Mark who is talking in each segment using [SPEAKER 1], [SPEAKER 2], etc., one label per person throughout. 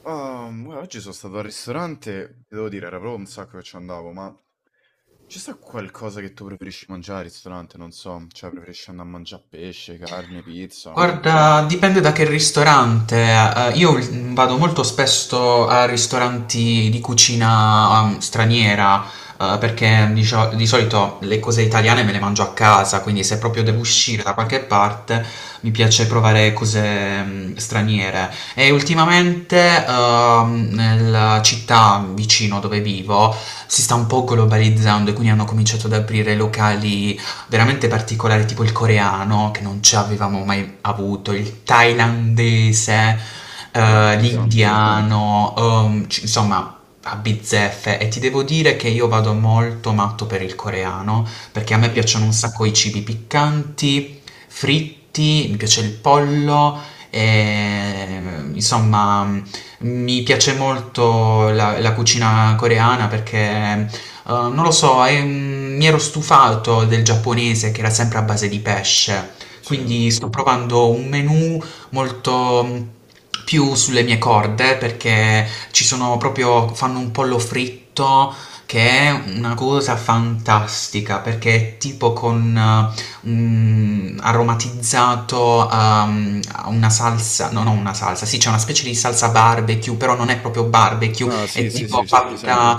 [SPEAKER 1] Ah, guarda, oggi sono stato al ristorante, e devo dire, era proprio un sacco che ci andavo, ma c'è sta qualcosa che tu preferisci mangiare al ristorante? Non so, cioè preferisci andare a mangiare pesce, carne, pizza?
[SPEAKER 2] Guarda, dipende da che ristorante. Io vado molto spesso a ristoranti di cucina, straniera, perché di solito le cose italiane me le mangio a casa, quindi se proprio devo
[SPEAKER 1] Certo,
[SPEAKER 2] uscire da qualche parte mi piace provare cose, straniere. E ultimamente, nella città vicino dove vivo si sta un po' globalizzando e quindi hanno cominciato ad aprire locali veramente particolari, tipo il coreano, che non ci avevamo mai avuto, il thailandese,
[SPEAKER 1] beh, interessante.
[SPEAKER 2] l'indiano, insomma, a bizzeffe. E ti devo dire che io vado molto matto per il coreano, perché a me
[SPEAKER 1] Mm,
[SPEAKER 2] piacciono un sacco i cibi piccanti, fritti, mi piace il pollo, e, insomma... Mi piace molto la cucina coreana perché non lo so, mi ero stufato del giapponese che era sempre a base di pesce,
[SPEAKER 1] sì.
[SPEAKER 2] quindi sto provando un menù molto più sulle mie corde perché ci sono proprio, fanno un pollo fritto che è una cosa fantastica perché è tipo con un aromatizzato a una salsa, no, non una salsa, sì, c'è una specie di salsa barbecue, però non è proprio barbecue,
[SPEAKER 1] Ah,
[SPEAKER 2] è
[SPEAKER 1] sì, sì, sì,
[SPEAKER 2] Tipo
[SPEAKER 1] c'ho presente.
[SPEAKER 2] fatta.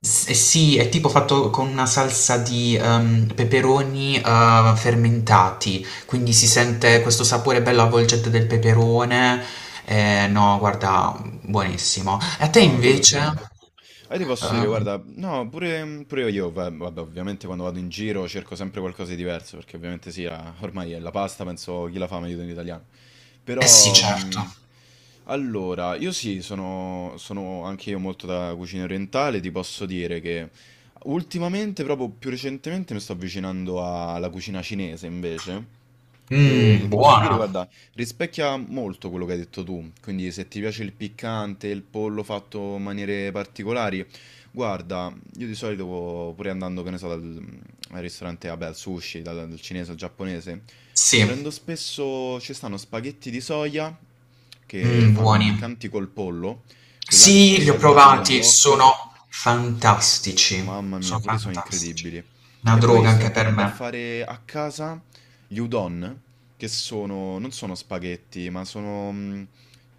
[SPEAKER 2] Eh sì, è tipo fatto con una salsa di peperoni fermentati, quindi si sente questo sapore bello avvolgente del peperone. No, guarda, buonissimo. E a te
[SPEAKER 1] No, quello sì.
[SPEAKER 2] invece?
[SPEAKER 1] Ah, io ti posso dire,
[SPEAKER 2] Eh,
[SPEAKER 1] guarda, no, pure, pure io, vabbè, ovviamente quando vado in giro cerco sempre qualcosa di diverso, perché ovviamente sì, ormai è la pasta, penso chi la fa meglio in italiano.
[SPEAKER 2] eh sì,
[SPEAKER 1] Però,
[SPEAKER 2] certo.
[SPEAKER 1] allora, io sì, sono, sono anche io molto da cucina orientale, ti posso dire che ultimamente, proprio più recentemente, mi sto avvicinando alla cucina cinese invece,
[SPEAKER 2] Mmm,
[SPEAKER 1] che posso dire,
[SPEAKER 2] buona.
[SPEAKER 1] guarda... Rispecchia molto quello che hai detto tu, quindi se ti piace il piccante, il pollo fatto in maniere particolari, guarda, io di solito pure andando, che ne so, al ristorante, vabbè, al sushi, dal cinese al giapponese,
[SPEAKER 2] Sì,
[SPEAKER 1] prendo spesso, ci stanno spaghetti di soia che
[SPEAKER 2] mm,
[SPEAKER 1] fanno
[SPEAKER 2] buoni.
[SPEAKER 1] piccanti col pollo, quelli là che sono
[SPEAKER 2] Sì, li ho
[SPEAKER 1] saltati nel
[SPEAKER 2] provati,
[SPEAKER 1] wok.
[SPEAKER 2] sono fantastici.
[SPEAKER 1] Mamma mia,
[SPEAKER 2] Sono
[SPEAKER 1] quelli sono
[SPEAKER 2] fantastici.
[SPEAKER 1] incredibili.
[SPEAKER 2] Una
[SPEAKER 1] E poi
[SPEAKER 2] droga
[SPEAKER 1] sto
[SPEAKER 2] anche per
[SPEAKER 1] imparando a
[SPEAKER 2] me.
[SPEAKER 1] fare a casa gli udon, che sono, non sono spaghetti, ma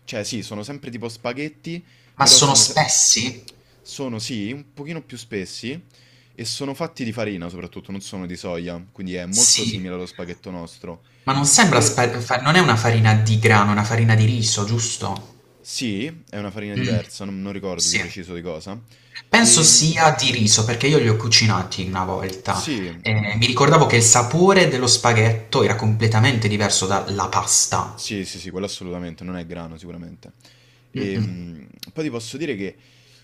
[SPEAKER 1] cioè sì, sono sempre tipo spaghetti,
[SPEAKER 2] Ma
[SPEAKER 1] però
[SPEAKER 2] sono
[SPEAKER 1] sono, se-
[SPEAKER 2] spessi?
[SPEAKER 1] sono sì, un pochino più spessi e sono fatti di farina soprattutto, non sono di soia, quindi è molto
[SPEAKER 2] Sì.
[SPEAKER 1] simile allo spaghetto nostro.
[SPEAKER 2] Ma non sembra
[SPEAKER 1] Per...
[SPEAKER 2] spa fa non è una farina di grano, è una farina di riso, giusto?
[SPEAKER 1] Sì, è una farina
[SPEAKER 2] Mh,
[SPEAKER 1] diversa, non, non ricordo di
[SPEAKER 2] sì.
[SPEAKER 1] preciso di cosa.
[SPEAKER 2] Penso
[SPEAKER 1] E
[SPEAKER 2] sia di riso, perché io li ho cucinati una volta
[SPEAKER 1] sì,
[SPEAKER 2] e mi ricordavo che il sapore dello spaghetto era completamente diverso dalla pasta.
[SPEAKER 1] sì, sì, sì, quello assolutamente, non è grano sicuramente. E,
[SPEAKER 2] Mh-mh.
[SPEAKER 1] poi ti posso dire che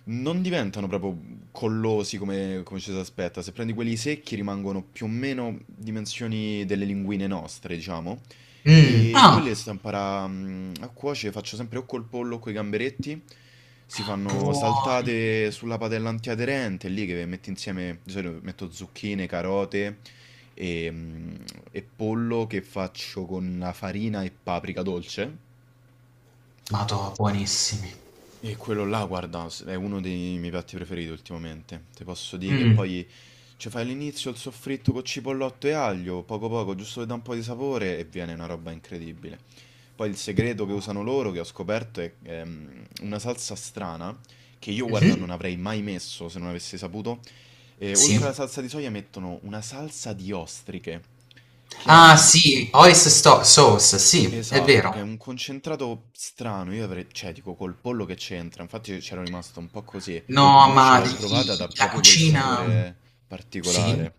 [SPEAKER 1] non diventano proprio collosi come, come ci si aspetta. Se prendi quelli secchi rimangono più o meno dimensioni delle linguine nostre, diciamo. E
[SPEAKER 2] Ah,
[SPEAKER 1] quelle stampara a cuoce faccio sempre o col pollo o coi gamberetti. Si fanno
[SPEAKER 2] buoni.
[SPEAKER 1] saltate sulla padella antiaderente, lì che metti insieme, di solito metto zucchine, carote e, mh, e pollo che faccio con la farina e paprika dolce.
[SPEAKER 2] Madò, buonissimi.
[SPEAKER 1] E quello là, guarda, è uno dei miei piatti preferiti ultimamente. Ti posso dire che
[SPEAKER 2] Mh.
[SPEAKER 1] poi ci fai all'inizio il soffritto con cipollotto e aglio, poco poco, giusto per dare un po' di sapore e viene una roba incredibile. Poi il segreto che usano loro, che ho scoperto, è una salsa strana che io, guarda,
[SPEAKER 2] Mh-mh.
[SPEAKER 1] non avrei mai messo se non avessi saputo. E
[SPEAKER 2] Sì.
[SPEAKER 1] oltre alla salsa di soia mettono una salsa di ostriche, che è
[SPEAKER 2] Ah,
[SPEAKER 1] un...
[SPEAKER 2] sì, oyster sto sauce, sì, è
[SPEAKER 1] Esatto,
[SPEAKER 2] vero.
[SPEAKER 1] che è un concentrato strano, io avrei, cioè dico col pollo che c'entra, infatti io c'ero rimasto un po' così,
[SPEAKER 2] No, ma
[SPEAKER 1] invece l'ho
[SPEAKER 2] i
[SPEAKER 1] provata da
[SPEAKER 2] i la
[SPEAKER 1] proprio quel
[SPEAKER 2] cucina
[SPEAKER 1] sapore
[SPEAKER 2] sì.
[SPEAKER 1] particolare.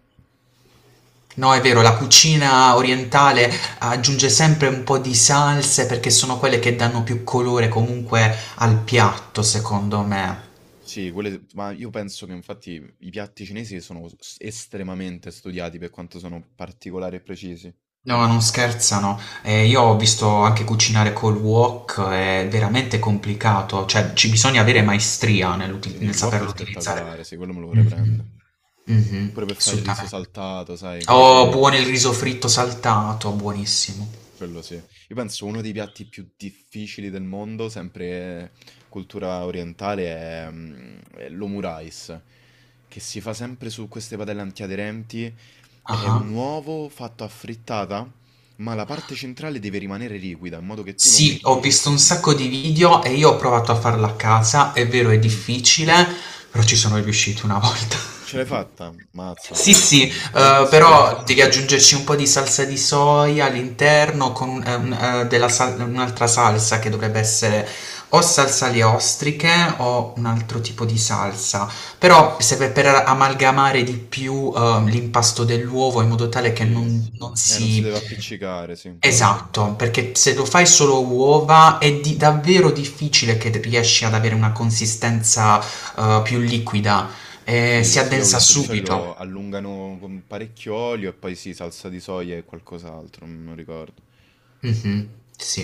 [SPEAKER 2] No, è vero, la cucina orientale aggiunge sempre un po' di salse perché sono quelle che danno più colore comunque al piatto, secondo me.
[SPEAKER 1] Sì, quelle, ma io penso che infatti i piatti cinesi sono estremamente studiati per quanto sono particolari e precisi.
[SPEAKER 2] No, non scherzano. Io ho visto anche cucinare col wok, è veramente complicato, cioè ci bisogna avere maestria
[SPEAKER 1] E
[SPEAKER 2] nel
[SPEAKER 1] il wok è
[SPEAKER 2] saperlo utilizzare.
[SPEAKER 1] spettacolare, sì, quello me lo vorrei prendere.
[SPEAKER 2] Mhm. Mhm,
[SPEAKER 1] Pure per fare il riso
[SPEAKER 2] assolutamente.
[SPEAKER 1] saltato, sai?
[SPEAKER 2] Oh, eh, buono il riso fritto saltato, buonissimo.
[SPEAKER 1] Quello sì. Io penso uno dei piatti più difficili del mondo, sempre cultura orientale, è l'omu rice, che si fa sempre su queste padelle antiaderenti. È un
[SPEAKER 2] Ah.
[SPEAKER 1] uovo fatto a frittata, ma la parte centrale deve rimanere liquida, in modo che tu lo
[SPEAKER 2] Sì, ho
[SPEAKER 1] metti...
[SPEAKER 2] visto un sacco di video e io ho provato a farla a casa, è vero è
[SPEAKER 1] Mm,
[SPEAKER 2] difficile, però ci sono riuscito una volta.
[SPEAKER 1] ce l'hai fatta? Mazza.
[SPEAKER 2] Sì, sì,
[SPEAKER 1] Io penso...
[SPEAKER 2] però devi aggiungerci un po' di salsa di soia all'interno con un'altra salsa che dovrebbe essere o salsa alle ostriche o un altro tipo di salsa. Però
[SPEAKER 1] Sì.
[SPEAKER 2] serve per amalgamare di più l'impasto dell'uovo in modo tale che
[SPEAKER 1] Sì.
[SPEAKER 2] non
[SPEAKER 1] Non si
[SPEAKER 2] si.
[SPEAKER 1] deve appiccicare, sì.
[SPEAKER 2] Esatto, perché se lo fai solo uova è di davvero difficile che riesci ad avere una consistenza, più liquida,
[SPEAKER 1] Sì,
[SPEAKER 2] si
[SPEAKER 1] sì, io ho
[SPEAKER 2] addensa
[SPEAKER 1] visto di
[SPEAKER 2] subito.
[SPEAKER 1] solito allungano con parecchio olio e poi sì, salsa di soia e qualcos'altro, non ricordo.
[SPEAKER 2] Mh-mh, sì.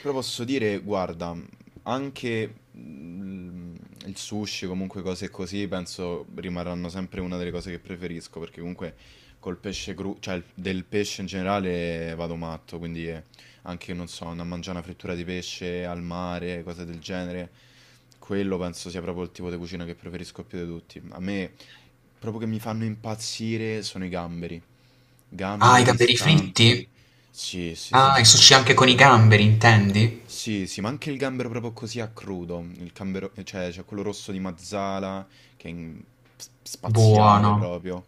[SPEAKER 1] Però posso dire, guarda, anche mm, il sushi, comunque cose così, penso rimarranno sempre una delle cose che preferisco, perché comunque col pesce crudo, del pesce in generale vado matto, quindi anche, non so, andare a mangiare una frittura di pesce al mare, cose del genere, quello penso sia proprio il tipo di cucina che preferisco più di tutti. A me, proprio che mi fanno impazzire, sono i gamberi.
[SPEAKER 2] Ah, i
[SPEAKER 1] Gamberi,
[SPEAKER 2] gamberi fritti?
[SPEAKER 1] scampi. Sì, sì, sì,
[SPEAKER 2] Ah, il
[SPEAKER 1] sì, sì.
[SPEAKER 2] sushi anche con i gamberi intendi?
[SPEAKER 1] Sì, sì, ma anche il gambero proprio così a crudo, il gambero, cioè c'è quello rosso di Mazzala che è spaziale
[SPEAKER 2] Buono.
[SPEAKER 1] proprio,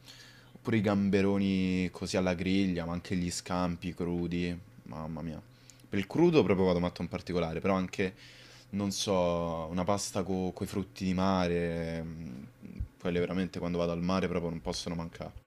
[SPEAKER 1] oppure i gamberoni così alla griglia, ma anche gli scampi crudi, mamma mia. Per il crudo proprio vado matto in particolare, però anche non so, una pasta con i frutti di mare, quelle veramente quando vado al mare proprio non possono mancare,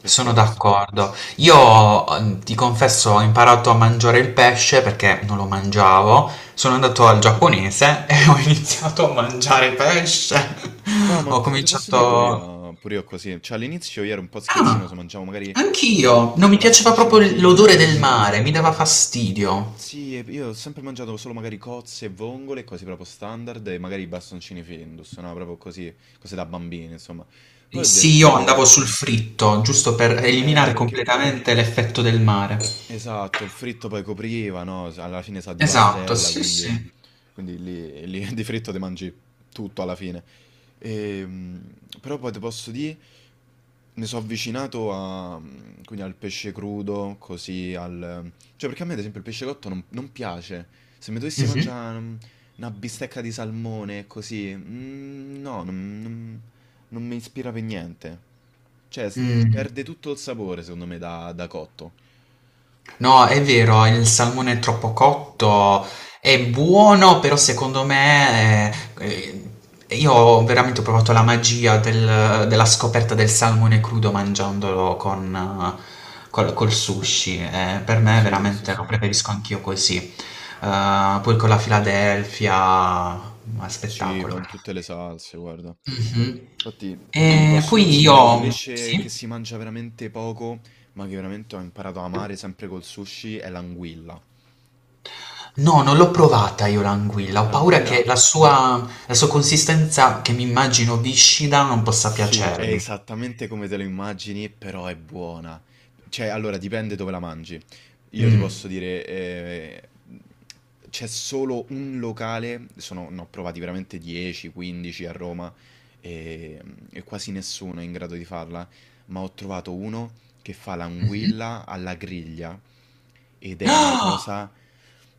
[SPEAKER 1] per
[SPEAKER 2] Sono
[SPEAKER 1] forza.
[SPEAKER 2] d'accordo. Io ti confesso, ho imparato a mangiare il pesce perché non lo mangiavo. Sono andato al giapponese e ho iniziato a mangiare pesce.
[SPEAKER 1] No, ma
[SPEAKER 2] Ho
[SPEAKER 1] te, te posso dire
[SPEAKER 2] cominciato...
[SPEAKER 1] pure io così. Cioè, all'inizio io ero un po'
[SPEAKER 2] Ah,
[SPEAKER 1] schizzinoso, mangiavo magari, so,
[SPEAKER 2] anch'io. Non mi piaceva
[SPEAKER 1] bastoncini
[SPEAKER 2] proprio l'odore del
[SPEAKER 1] Findus.
[SPEAKER 2] mare, mi dava fastidio.
[SPEAKER 1] Sì, e io ho sempre mangiato solo magari cozze e vongole, cose proprio standard, e magari bastoncini Findus, no? Proprio così, cose da bambini, insomma. Poi ho
[SPEAKER 2] Sì, io andavo
[SPEAKER 1] detto,
[SPEAKER 2] sul fritto, giusto per eliminare
[SPEAKER 1] perché...
[SPEAKER 2] completamente l'effetto del mare.
[SPEAKER 1] Esatto, il fritto poi copriva, no? Alla fine sa di
[SPEAKER 2] Esatto,
[SPEAKER 1] pastella,
[SPEAKER 2] sì, sì.
[SPEAKER 1] quindi lì, di fritto ti mangi tutto alla fine. Ehm, Però poi ti posso dire, mi sono avvicinato a- quindi al pesce crudo, così al... Cioè perché a me ad esempio il pesce cotto non, non piace. Se mi dovessi
[SPEAKER 2] Mhm.
[SPEAKER 1] mangiare mm, una bistecca di salmone, così... mm, no, non mi ispira per niente. Cioè, s- Perde
[SPEAKER 2] Mm.
[SPEAKER 1] tutto il sapore secondo me da da cotto.
[SPEAKER 2] No, è vero, il salmone è troppo cotto è buono, però secondo me eh, io ho veramente provato la magia della scoperta del salmone crudo mangiandolo con, col, col sushi. Eh, per me
[SPEAKER 1] Sì, sì,
[SPEAKER 2] veramente lo
[SPEAKER 1] sì.
[SPEAKER 2] preferisco anch'io così. Poi con la Philadelphia, ma
[SPEAKER 1] Sì,
[SPEAKER 2] spettacolo.
[SPEAKER 1] poi in tutte le salse, guarda.
[SPEAKER 2] Mhm.
[SPEAKER 1] Infatti, io ti
[SPEAKER 2] E
[SPEAKER 1] posso
[SPEAKER 2] poi
[SPEAKER 1] consigliare
[SPEAKER 2] io...
[SPEAKER 1] un pesce
[SPEAKER 2] Sì?
[SPEAKER 1] che si mangia veramente poco, ma che veramente ho imparato a amare sempre col sushi, è l'anguilla.
[SPEAKER 2] No, non l'ho provata io l'anguilla, ho paura
[SPEAKER 1] L'anguilla.
[SPEAKER 2] che la sua consistenza, che mi immagino viscida, non possa
[SPEAKER 1] Sì, è
[SPEAKER 2] piacermi.
[SPEAKER 1] esattamente come te lo immagini, però è buona. Cioè, allora, dipende dove la mangi. Io ti posso
[SPEAKER 2] Mm.
[SPEAKER 1] dire, c'è solo un locale, sono, ne ho provati veramente 10, 15 a Roma e, e quasi nessuno è in grado di farla, ma ho trovato uno che fa
[SPEAKER 2] Mhm.
[SPEAKER 1] l'anguilla alla griglia ed è una
[SPEAKER 2] Ah!
[SPEAKER 1] cosa,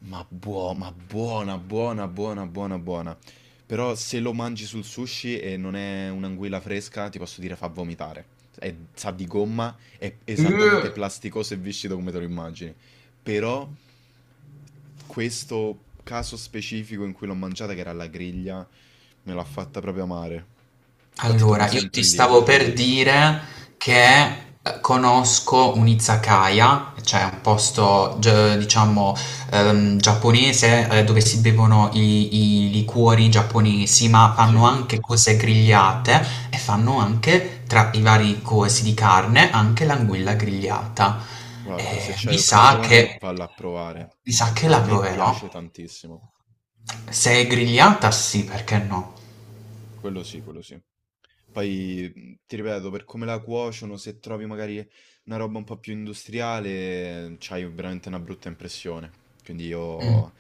[SPEAKER 1] ma ma buona, buona, buona, buona, buona. Però se lo mangi sul sushi e non è un'anguilla fresca, ti posso dire fa vomitare. Sa di gomma, è
[SPEAKER 2] Eh!
[SPEAKER 1] esattamente plasticoso e viscido come te lo immagini. Però questo caso specifico in cui l'ho mangiata, che era alla griglia, me l'ha fatta proprio amare. Infatti torno
[SPEAKER 2] Allora, io ti
[SPEAKER 1] sempre lì.
[SPEAKER 2] stavo per dire che conosco un izakaya, cioè un posto, diciamo, giapponese dove si bevono i liquori giapponesi, ma fanno
[SPEAKER 1] Sì,
[SPEAKER 2] anche cose grigliate e fanno anche, tra i vari cosi di carne, anche l'anguilla grigliata.
[SPEAKER 1] guarda, se
[SPEAKER 2] Eh,
[SPEAKER 1] c'hai
[SPEAKER 2] mi sa
[SPEAKER 1] occasione,
[SPEAKER 2] che,
[SPEAKER 1] valla a provare.
[SPEAKER 2] mi sa che
[SPEAKER 1] A
[SPEAKER 2] la
[SPEAKER 1] me
[SPEAKER 2] proverò.
[SPEAKER 1] piace tantissimo.
[SPEAKER 2] Se è grigliata, sì, perché no?
[SPEAKER 1] Quello sì, quello sì. Poi, ti ripeto, per come la cuociono, se trovi magari una roba un po' più industriale, c'hai veramente una brutta impressione. Quindi
[SPEAKER 2] Mm.
[SPEAKER 1] io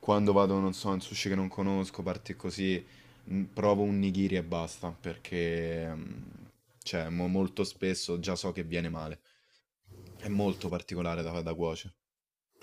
[SPEAKER 1] quando vado, non so, in sushi che non conosco, parti così, provo un nigiri e basta, perché, cioè mo molto spesso già so che viene male. È molto particolare da fa da cuoce.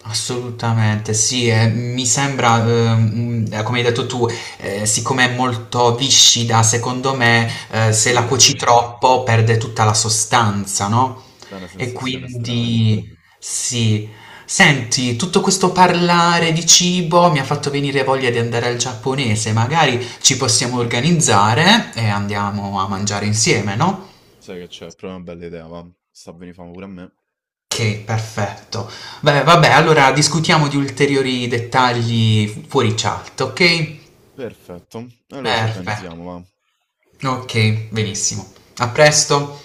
[SPEAKER 2] Assolutamente, sì, mi sembra, come hai detto tu, siccome è molto viscida, secondo me, se la
[SPEAKER 1] Sì,
[SPEAKER 2] cuoci
[SPEAKER 1] sì,
[SPEAKER 2] troppo perde tutta la sostanza, no?
[SPEAKER 1] dà una
[SPEAKER 2] E
[SPEAKER 1] sensazione strana.
[SPEAKER 2] quindi, sì. Senti, tutto questo parlare di cibo mi ha fatto venire voglia di andare al giapponese, magari ci possiamo organizzare e andiamo a mangiare insieme, no?
[SPEAKER 1] Sai che c'è? Proprio una bella idea, va. Sta a venì fame pure a me.
[SPEAKER 2] Ok, perfetto. Beh, vabbè, allora discutiamo di ulteriori dettagli fuori chat, ok?
[SPEAKER 1] Perfetto, allora ci
[SPEAKER 2] Perfetto.
[SPEAKER 1] organizziamo, va.
[SPEAKER 2] Ok, benissimo. A presto.